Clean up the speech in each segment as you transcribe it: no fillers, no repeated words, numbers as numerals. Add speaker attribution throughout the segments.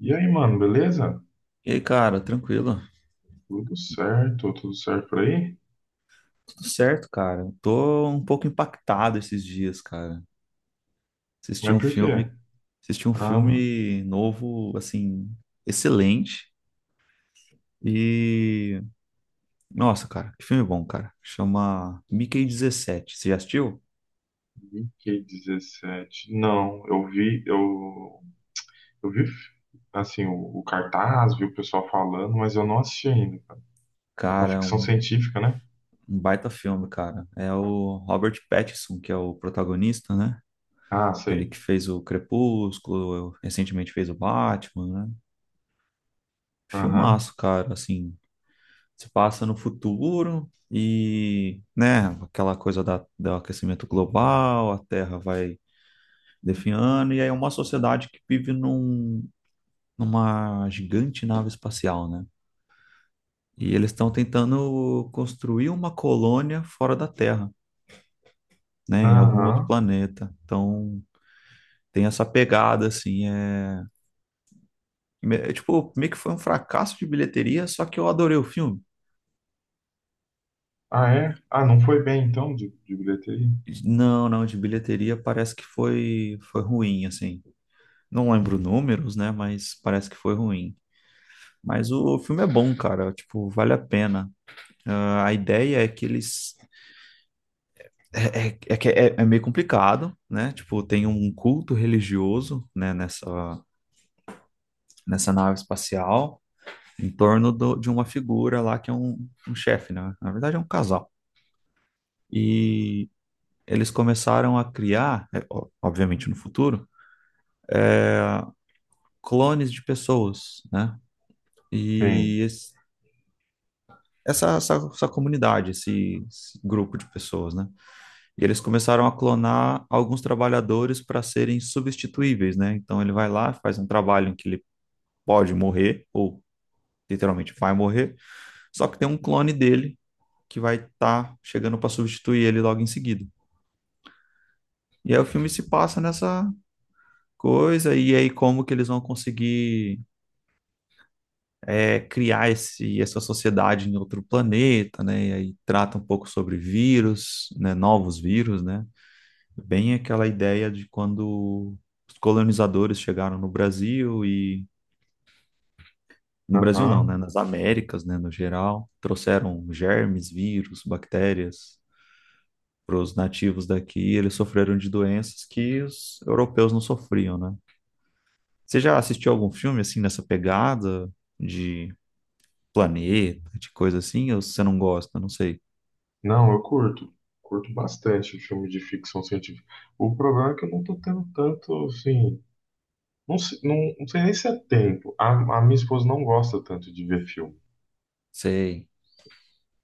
Speaker 1: E aí, mano, beleza?
Speaker 2: E aí, cara, tranquilo?
Speaker 1: Tudo certo por aí?
Speaker 2: Tudo certo, cara. Tô um pouco impactado esses dias, cara. Assisti
Speaker 1: Mas
Speaker 2: um
Speaker 1: por quê?
Speaker 2: filme, Assisti um
Speaker 1: Ah,
Speaker 2: filme novo, assim, excelente. E nossa, cara, que filme bom, cara. Chama Mickey 17. Você já assistiu?
Speaker 1: VK17. Não, eu vi assim, o cartaz, vi o pessoal falando, mas eu não assisti ainda. É uma
Speaker 2: Cara,
Speaker 1: ficção
Speaker 2: um,
Speaker 1: científica, né?
Speaker 2: um baita filme, cara. É o Robert Pattinson que é o protagonista, né?
Speaker 1: Ah,
Speaker 2: Aquele
Speaker 1: sei.
Speaker 2: que fez o Crepúsculo, recentemente fez o Batman, né?
Speaker 1: Aham,
Speaker 2: Filmaço, cara, assim. Se passa no futuro e, né, aquela coisa do aquecimento global. A Terra vai definhando, e aí é uma sociedade que vive numa gigante nave espacial, né? E eles estão tentando construir uma colônia fora da Terra, né, em algum
Speaker 1: aham.
Speaker 2: outro planeta. Então, tem essa pegada, assim, é tipo, meio que foi um fracasso de bilheteria, só que eu adorei o filme.
Speaker 1: Ah, é? Ah, não foi bem então de bilheteria?
Speaker 2: Não, não, de bilheteria parece que foi ruim, assim. Não lembro números, né? Mas parece que foi ruim. Mas o filme é bom, cara. Tipo, vale a pena. Ah, a ideia é que eles. É que é meio complicado, né? Tipo, tem um culto religioso, né, nessa nave espacial, em torno de uma figura lá que é um chefe, né? Na verdade, é um casal. E eles começaram a criar, obviamente no futuro, clones de pessoas, né? E
Speaker 1: Sim.
Speaker 2: esse- essa comunidade, esse grupo de pessoas, né? E eles começaram a clonar alguns trabalhadores para serem substituíveis, né? Então ele vai lá, faz um trabalho em que ele pode morrer, ou literalmente vai morrer, só que tem um clone dele que vai estar tá chegando para substituir ele logo em seguida. E aí o filme se passa nessa coisa, e aí como que eles vão conseguir criar essa sociedade em outro planeta, né? E aí trata um pouco sobre vírus, né? Novos vírus, né? Bem aquela ideia de quando os colonizadores chegaram no Brasil e no Brasil não, né,
Speaker 1: Aham.
Speaker 2: nas Américas, né, no geral, trouxeram germes, vírus, bactérias para os nativos daqui, e eles sofreram de doenças que os europeus não sofriam, né? Você já assistiu algum filme assim nessa pegada de planeta, de coisa assim, ou você não gosta? Não sei.
Speaker 1: Não, eu curto. Curto bastante filme de ficção científica. O problema é que eu não tô tendo tanto, assim. Não, não sei nem se é tempo. A minha esposa não gosta tanto de ver filme.
Speaker 2: Sei.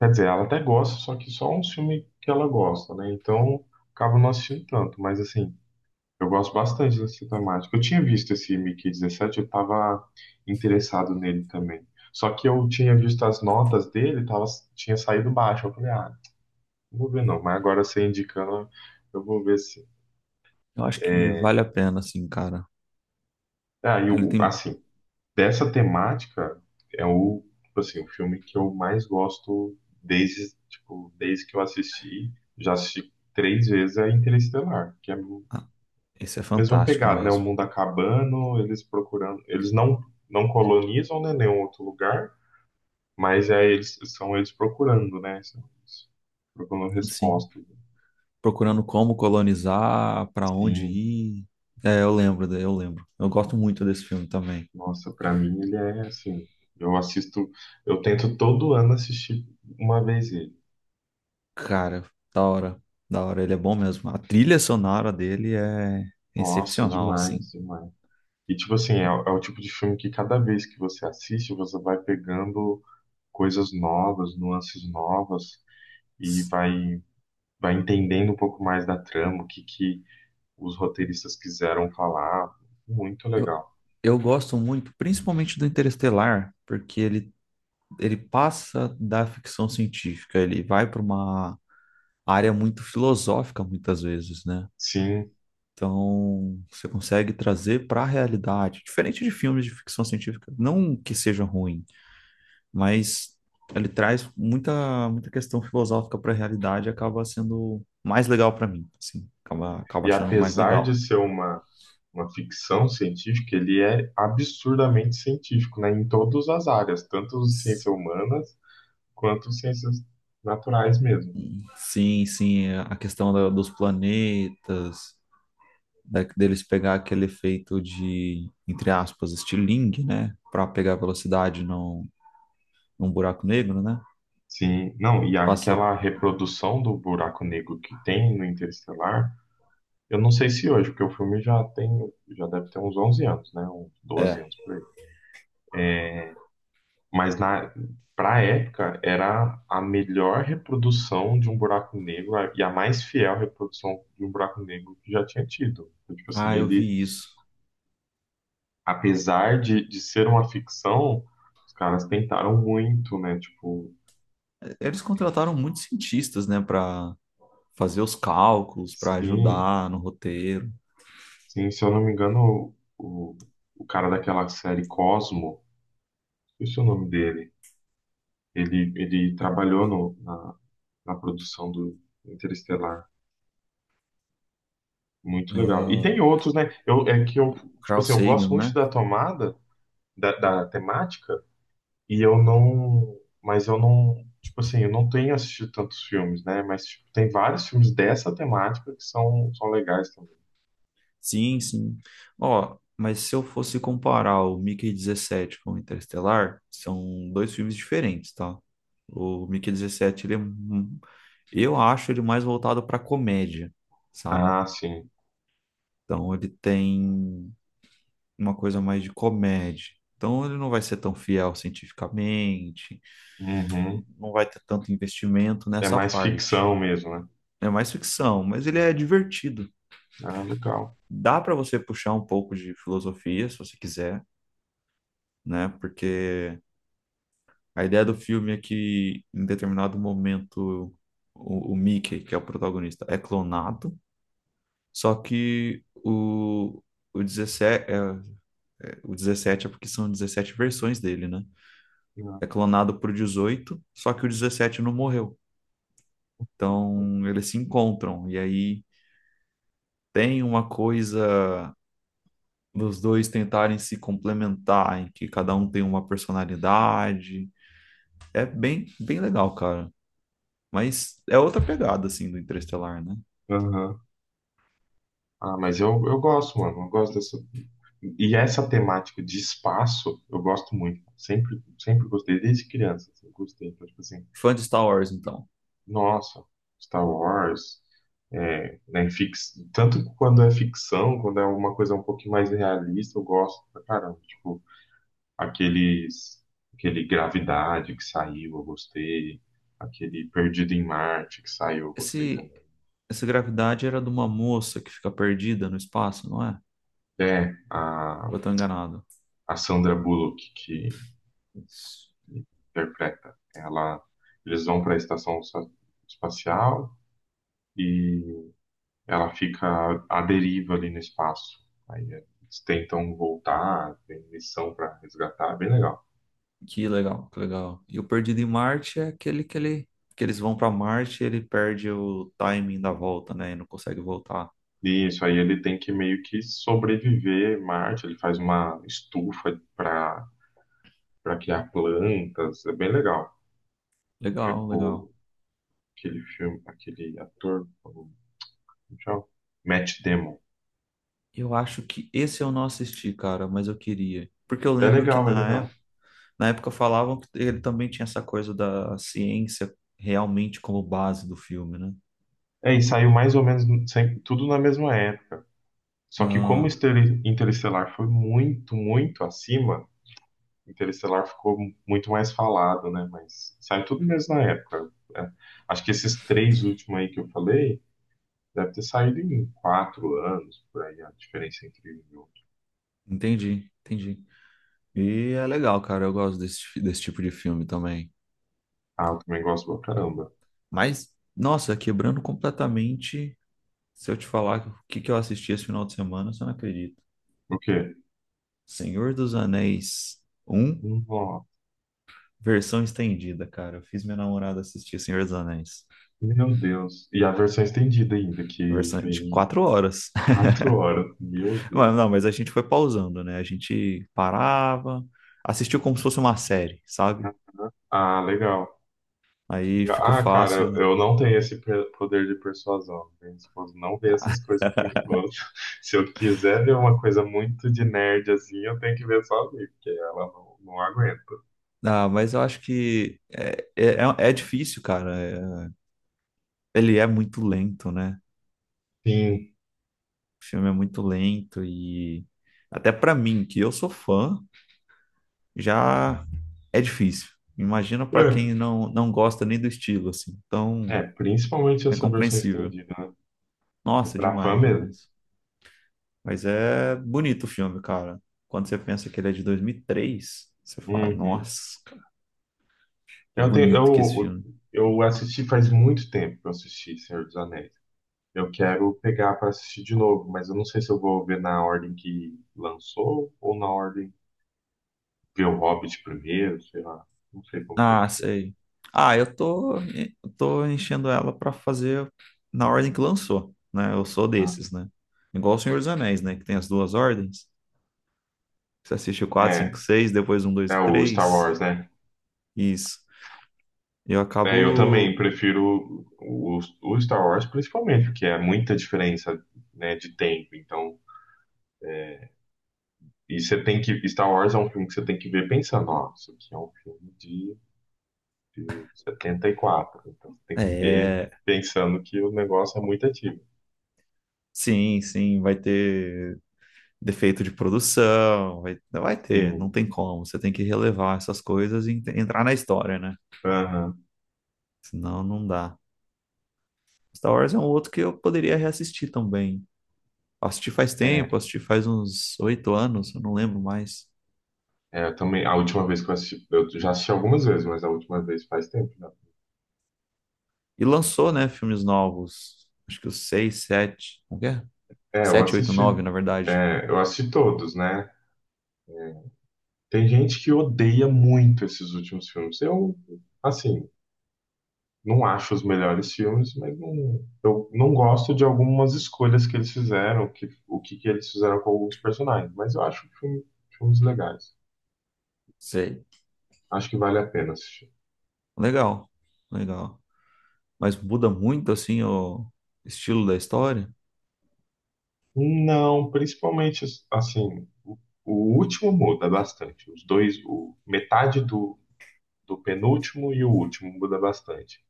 Speaker 1: Quer dizer, ela até gosta, só que só um filme que ela gosta, né? Então, acaba não assistindo tanto. Mas, assim, eu gosto bastante dessa temática. Eu tinha visto esse Mickey 17. Eu estava interessado nele também. Só que eu tinha visto as notas dele, tinha saído baixo. Eu falei, ah, não vou ver não. Mas agora você indicando, eu vou ver se.
Speaker 2: Eu acho que
Speaker 1: É,
Speaker 2: vale a pena, assim, cara.
Speaker 1: aí,
Speaker 2: Ele tem.
Speaker 1: assim, dessa temática é o, tipo assim, o filme que eu mais gosto desde, tipo, desde que eu assisti. Já assisti três vezes é Interestelar, que é a
Speaker 2: Ah, esse é
Speaker 1: mesma
Speaker 2: fantástico
Speaker 1: pegada, né? O
Speaker 2: mesmo.
Speaker 1: mundo acabando, eles procurando, eles não colonizam, né, nenhum outro lugar, mas é eles são eles procurando, né? São eles procurando
Speaker 2: Sim.
Speaker 1: respostas.
Speaker 2: Procurando como colonizar, pra onde
Speaker 1: Sim,
Speaker 2: ir. É, eu lembro. Eu gosto muito desse filme também.
Speaker 1: nossa, pra mim ele é assim, eu assisto, eu tento todo ano assistir uma vez ele.
Speaker 2: Cara, da hora, da hora, ele é bom mesmo. A trilha sonora dele é
Speaker 1: Nossa,
Speaker 2: excepcional,
Speaker 1: demais,
Speaker 2: assim.
Speaker 1: demais. E, tipo assim, é, o é o tipo de filme que cada vez que você assiste, você vai pegando coisas novas, nuances novas, e vai entendendo um pouco mais da trama, o que, que os roteiristas quiseram falar. Muito
Speaker 2: Eu,
Speaker 1: legal.
Speaker 2: eu gosto muito, principalmente do Interestelar, porque ele passa da ficção científica, ele vai para uma área muito filosófica muitas vezes, né?
Speaker 1: Sim,
Speaker 2: Então, você consegue trazer para a realidade, diferente de filmes de ficção científica, não que seja ruim, mas ele traz muita questão filosófica para a realidade, e acaba sendo mais legal para mim, assim, acaba
Speaker 1: e
Speaker 2: achando mais
Speaker 1: apesar de
Speaker 2: legal.
Speaker 1: ser uma ficção científica, ele é absurdamente científico, né? Em todas as áreas, tanto ciências humanas quanto ciências naturais mesmo.
Speaker 2: Sim, sim, a questão dos planetas, deles pegar aquele efeito de, entre aspas, estilingue, né? Para pegar velocidade num buraco negro, né?
Speaker 1: Sim, não, e
Speaker 2: Passa.
Speaker 1: aquela reprodução do buraco negro que tem no Interestelar, eu não sei se hoje, porque o filme já tem, já deve ter uns 11 anos, né? Uns 12
Speaker 2: É.
Speaker 1: anos por aí. Mas na pra época era a melhor reprodução de um buraco negro e a mais fiel reprodução de um buraco negro que já tinha tido. Então, tipo assim,
Speaker 2: Ah, eu
Speaker 1: ele,
Speaker 2: vi isso.
Speaker 1: apesar de ser uma ficção, os caras tentaram muito, né? Tipo,
Speaker 2: Eles
Speaker 1: é,
Speaker 2: contrataram muitos cientistas, né, para fazer os cálculos, para
Speaker 1: sim,
Speaker 2: ajudar no roteiro.
Speaker 1: Sim, se eu não me engano, o cara daquela série Cosmo, esqueci o nome dele, ele trabalhou no, na, na produção do Interestelar. Muito legal. E
Speaker 2: Ah,
Speaker 1: tem outros, né? É que eu, tipo
Speaker 2: Carl
Speaker 1: assim, eu gosto
Speaker 2: Sagan,
Speaker 1: muito
Speaker 2: né?
Speaker 1: da tomada, da temática, e eu não. Mas eu não. Tipo assim, eu não tenho assistido tantos filmes, né? Mas tipo, tem vários filmes dessa temática que são legais também.
Speaker 2: Sim, sim. Ó, mas se eu fosse comparar o Mickey 17 com o Interestelar, são dois filmes diferentes, tá? O Mickey 17, eu acho ele mais voltado para comédia, sabe?
Speaker 1: Ah, sim.
Speaker 2: Então ele tem uma coisa mais de comédia. Então ele não vai ser tão fiel cientificamente.
Speaker 1: Uhum.
Speaker 2: Não vai ter tanto investimento
Speaker 1: É
Speaker 2: nessa
Speaker 1: mais
Speaker 2: parte.
Speaker 1: ficção mesmo, né?
Speaker 2: É mais ficção, mas ele é divertido.
Speaker 1: Ah, legal.
Speaker 2: Dá para você puxar um pouco de filosofia, se você quiser, né? Porque a ideia do filme é que, em determinado momento, o Mickey, que é o protagonista, é clonado, só que o 17 o 17 é porque são 17 versões dele, né? É clonado por 18 só que o 17 não morreu. Então, eles se encontram, e aí tem uma coisa dos dois tentarem se complementar, em que cada um tem uma personalidade. É bem, bem legal, cara. Mas é outra pegada, assim, do Interestelar, né?
Speaker 1: Aham. Ah, mas eu gosto, mano. Eu gosto dessa. E essa temática de espaço, eu gosto muito. Sempre, sempre gostei, desde criança, assim, gostei. Então, tipo assim,
Speaker 2: Fã de Star Wars, então.
Speaker 1: nossa, Star Wars, é, né, tanto quando é ficção, quando é uma coisa um pouquinho mais realista, eu gosto pra caramba. Tipo, aqueles, aquele Gravidade que saiu, eu gostei. Aquele Perdido em Marte que saiu, eu gostei
Speaker 2: Esse,
Speaker 1: também.
Speaker 2: Essa gravidade era de uma moça que fica perdida no espaço, não é?
Speaker 1: É, a,
Speaker 2: Ou eu tô enganado?
Speaker 1: a Sandra Bullock, que
Speaker 2: Isso.
Speaker 1: interpreta. Eles vão para a estação espacial e ela fica à deriva ali no espaço. Aí eles tentam voltar, tem missão para resgatar, é bem legal.
Speaker 2: Que legal, que legal. E o Perdido em Marte é aquele que que eles vão pra Marte e ele perde o timing da volta, né? E não consegue voltar.
Speaker 1: E isso aí ele tem que meio que sobreviver em Marte, ele faz uma estufa para criar plantas, é bem legal. É
Speaker 2: Legal, legal.
Speaker 1: com aquele filme, aquele ator, como chama? Matt Damon.
Speaker 2: Eu acho que esse eu não assisti, cara, mas eu queria. Porque eu
Speaker 1: É
Speaker 2: lembro que
Speaker 1: legal, é
Speaker 2: na
Speaker 1: legal.
Speaker 2: época, na época falavam que ele também tinha essa coisa da ciência realmente como base do filme, né?
Speaker 1: É, e saiu mais ou menos tudo na mesma época. Só que como
Speaker 2: Ah,
Speaker 1: Interestelar foi muito, muito acima, Interestelar ficou muito mais falado, né? Mas saiu tudo mesmo na época. É, acho que esses três últimos aí que eu falei, deve ter saído em 4 anos, por aí, a diferença entre um e outro.
Speaker 2: entendi, entendi. E é legal, cara, eu gosto desse tipo de filme também.
Speaker 1: Ah, eu também gosto pra caramba.
Speaker 2: Mas, nossa, quebrando completamente, se eu te falar o que que eu assisti esse final de semana, você não acredita.
Speaker 1: O quê?
Speaker 2: Senhor dos Anéis um
Speaker 1: Nossa,
Speaker 2: versão estendida, cara. Eu fiz minha namorada assistir Senhor dos Anéis.
Speaker 1: meu Deus. E a versão estendida ainda, que
Speaker 2: Versão de
Speaker 1: tem
Speaker 2: 4 horas.
Speaker 1: 4 horas. Meu Deus.
Speaker 2: Mas, não, mas a gente foi pausando, né? A gente parava, assistiu como se fosse uma série, sabe?
Speaker 1: Ah, legal.
Speaker 2: Aí ficou
Speaker 1: Ah, cara,
Speaker 2: fácil.
Speaker 1: eu não tenho esse poder de persuasão. Minha esposa não vê essas coisas comigo, não. Se eu quiser ver uma coisa muito de nerd assim, eu tenho que ver sozinho, porque ela não aguenta.
Speaker 2: Ah, mas eu acho que é difícil, cara. Ele é muito lento, né?
Speaker 1: Sim.
Speaker 2: O filme é muito lento e até pra mim, que eu sou fã, já é difícil. Imagina pra quem não gosta nem do estilo, assim. Então,
Speaker 1: Principalmente
Speaker 2: é
Speaker 1: essa versão
Speaker 2: compreensível.
Speaker 1: estendida, né? É
Speaker 2: Nossa,
Speaker 1: pra fã
Speaker 2: demais,
Speaker 1: mesmo.
Speaker 2: demais. Mas é bonito o filme, cara. Quando você pensa que ele é de 2003, você fala,
Speaker 1: Uhum.
Speaker 2: nossa, que
Speaker 1: Eu tenho,
Speaker 2: bonito que é esse
Speaker 1: eu,
Speaker 2: filme.
Speaker 1: eu assisti faz muito tempo que eu assisti Senhor dos Anéis. Eu quero pegar pra assistir de novo, mas eu não sei se eu vou ver na ordem que lançou ou na ordem ver o Hobbit primeiro, sei lá. Não sei como que eu.
Speaker 2: Ah, sei. Ah, eu tô enchendo ela pra fazer na ordem que lançou, né? Eu sou
Speaker 1: Ah,
Speaker 2: desses, né? Igual o Senhor dos Anéis, né? Que tem as duas ordens. Você assiste o 4, 5,
Speaker 1: É,
Speaker 2: 6, depois um dois
Speaker 1: é
Speaker 2: e
Speaker 1: o Star
Speaker 2: três
Speaker 1: Wars, né?
Speaker 2: Isso. Eu
Speaker 1: É, eu também
Speaker 2: acabo.
Speaker 1: prefiro o Star Wars, principalmente, porque é muita diferença, né, de tempo. Então, é, e você tem que. Star Wars é um filme que você tem que ver pensando, ó, isso aqui é um filme de 74. Então você tem que ver
Speaker 2: É.
Speaker 1: pensando que o negócio é muito antigo.
Speaker 2: Sim, sim, vai ter defeito de produção, vai ter, não
Speaker 1: Sim.
Speaker 2: tem como. Você tem que relevar essas coisas e entrar na história, né?
Speaker 1: Aham.
Speaker 2: Senão não dá. Star Wars é um outro que eu poderia reassistir também. Assisti faz
Speaker 1: É,
Speaker 2: tempo, assisti faz uns 8 anos, eu não lembro mais.
Speaker 1: eu também. A última vez que eu assisti. Eu já assisti algumas vezes, mas a última vez faz tempo já.
Speaker 2: E lançou, né, filmes novos. Acho que os 6, 7, como que é?
Speaker 1: É, eu
Speaker 2: Sete, oito,
Speaker 1: assisti,
Speaker 2: nove, na verdade.
Speaker 1: é, eu assisti todos, né? É, tem gente que odeia muito esses últimos filmes. Eu, assim, não acho os melhores filmes, mas não, eu não gosto de algumas escolhas que eles fizeram, que, o que, que eles fizeram com alguns personagens, mas eu acho filmes legais.
Speaker 2: Sei.
Speaker 1: Acho que vale a pena assistir.
Speaker 2: Legal, legal. Mas muda muito, assim, o estilo da história,
Speaker 1: Não, principalmente, assim, o último muda bastante. Os dois, metade do penúltimo e o último muda bastante.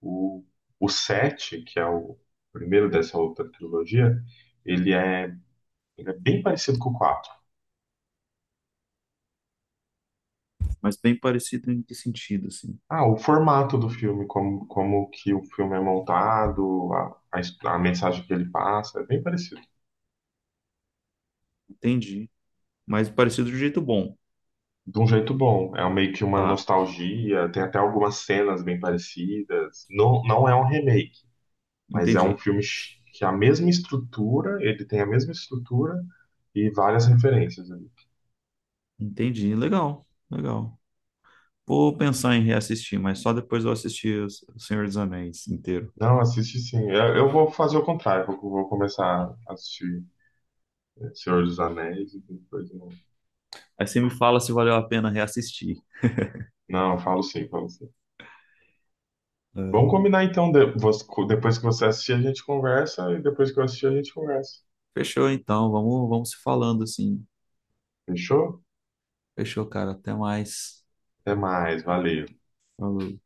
Speaker 1: O, o 7, que é o primeiro dessa outra trilogia, ele é, ele é, bem parecido com o 4.
Speaker 2: mas bem parecido em que sentido, assim.
Speaker 1: Ah, o formato do filme, como que o filme é montado, a mensagem que ele passa, é bem parecido.
Speaker 2: Entendi. Mas parecido de um jeito bom.
Speaker 1: De um jeito bom, é meio que uma
Speaker 2: Tá,
Speaker 1: nostalgia, tem até algumas cenas bem parecidas. Não, não é um remake, mas é um
Speaker 2: entendi.
Speaker 1: filme que a mesma estrutura, ele tem a mesma estrutura e várias referências.
Speaker 2: Entendi. Legal, legal. Vou pensar em reassistir, mas só depois eu assistir o Senhor dos Anéis inteiro.
Speaker 1: Não, assiste sim. Eu vou fazer o contrário. Vou começar a assistir Senhor dos Anéis e depois.
Speaker 2: Aí você me fala se valeu a pena reassistir.
Speaker 1: Não, eu falo sim, falo sim. Vamos combinar então. Depois que você assistir, a gente conversa. E depois que eu assistir, a gente conversa.
Speaker 2: Fechou, então. Vamos se falando assim.
Speaker 1: Fechou?
Speaker 2: Fechou, cara. Até mais.
Speaker 1: Até mais. Valeu.
Speaker 2: Falou.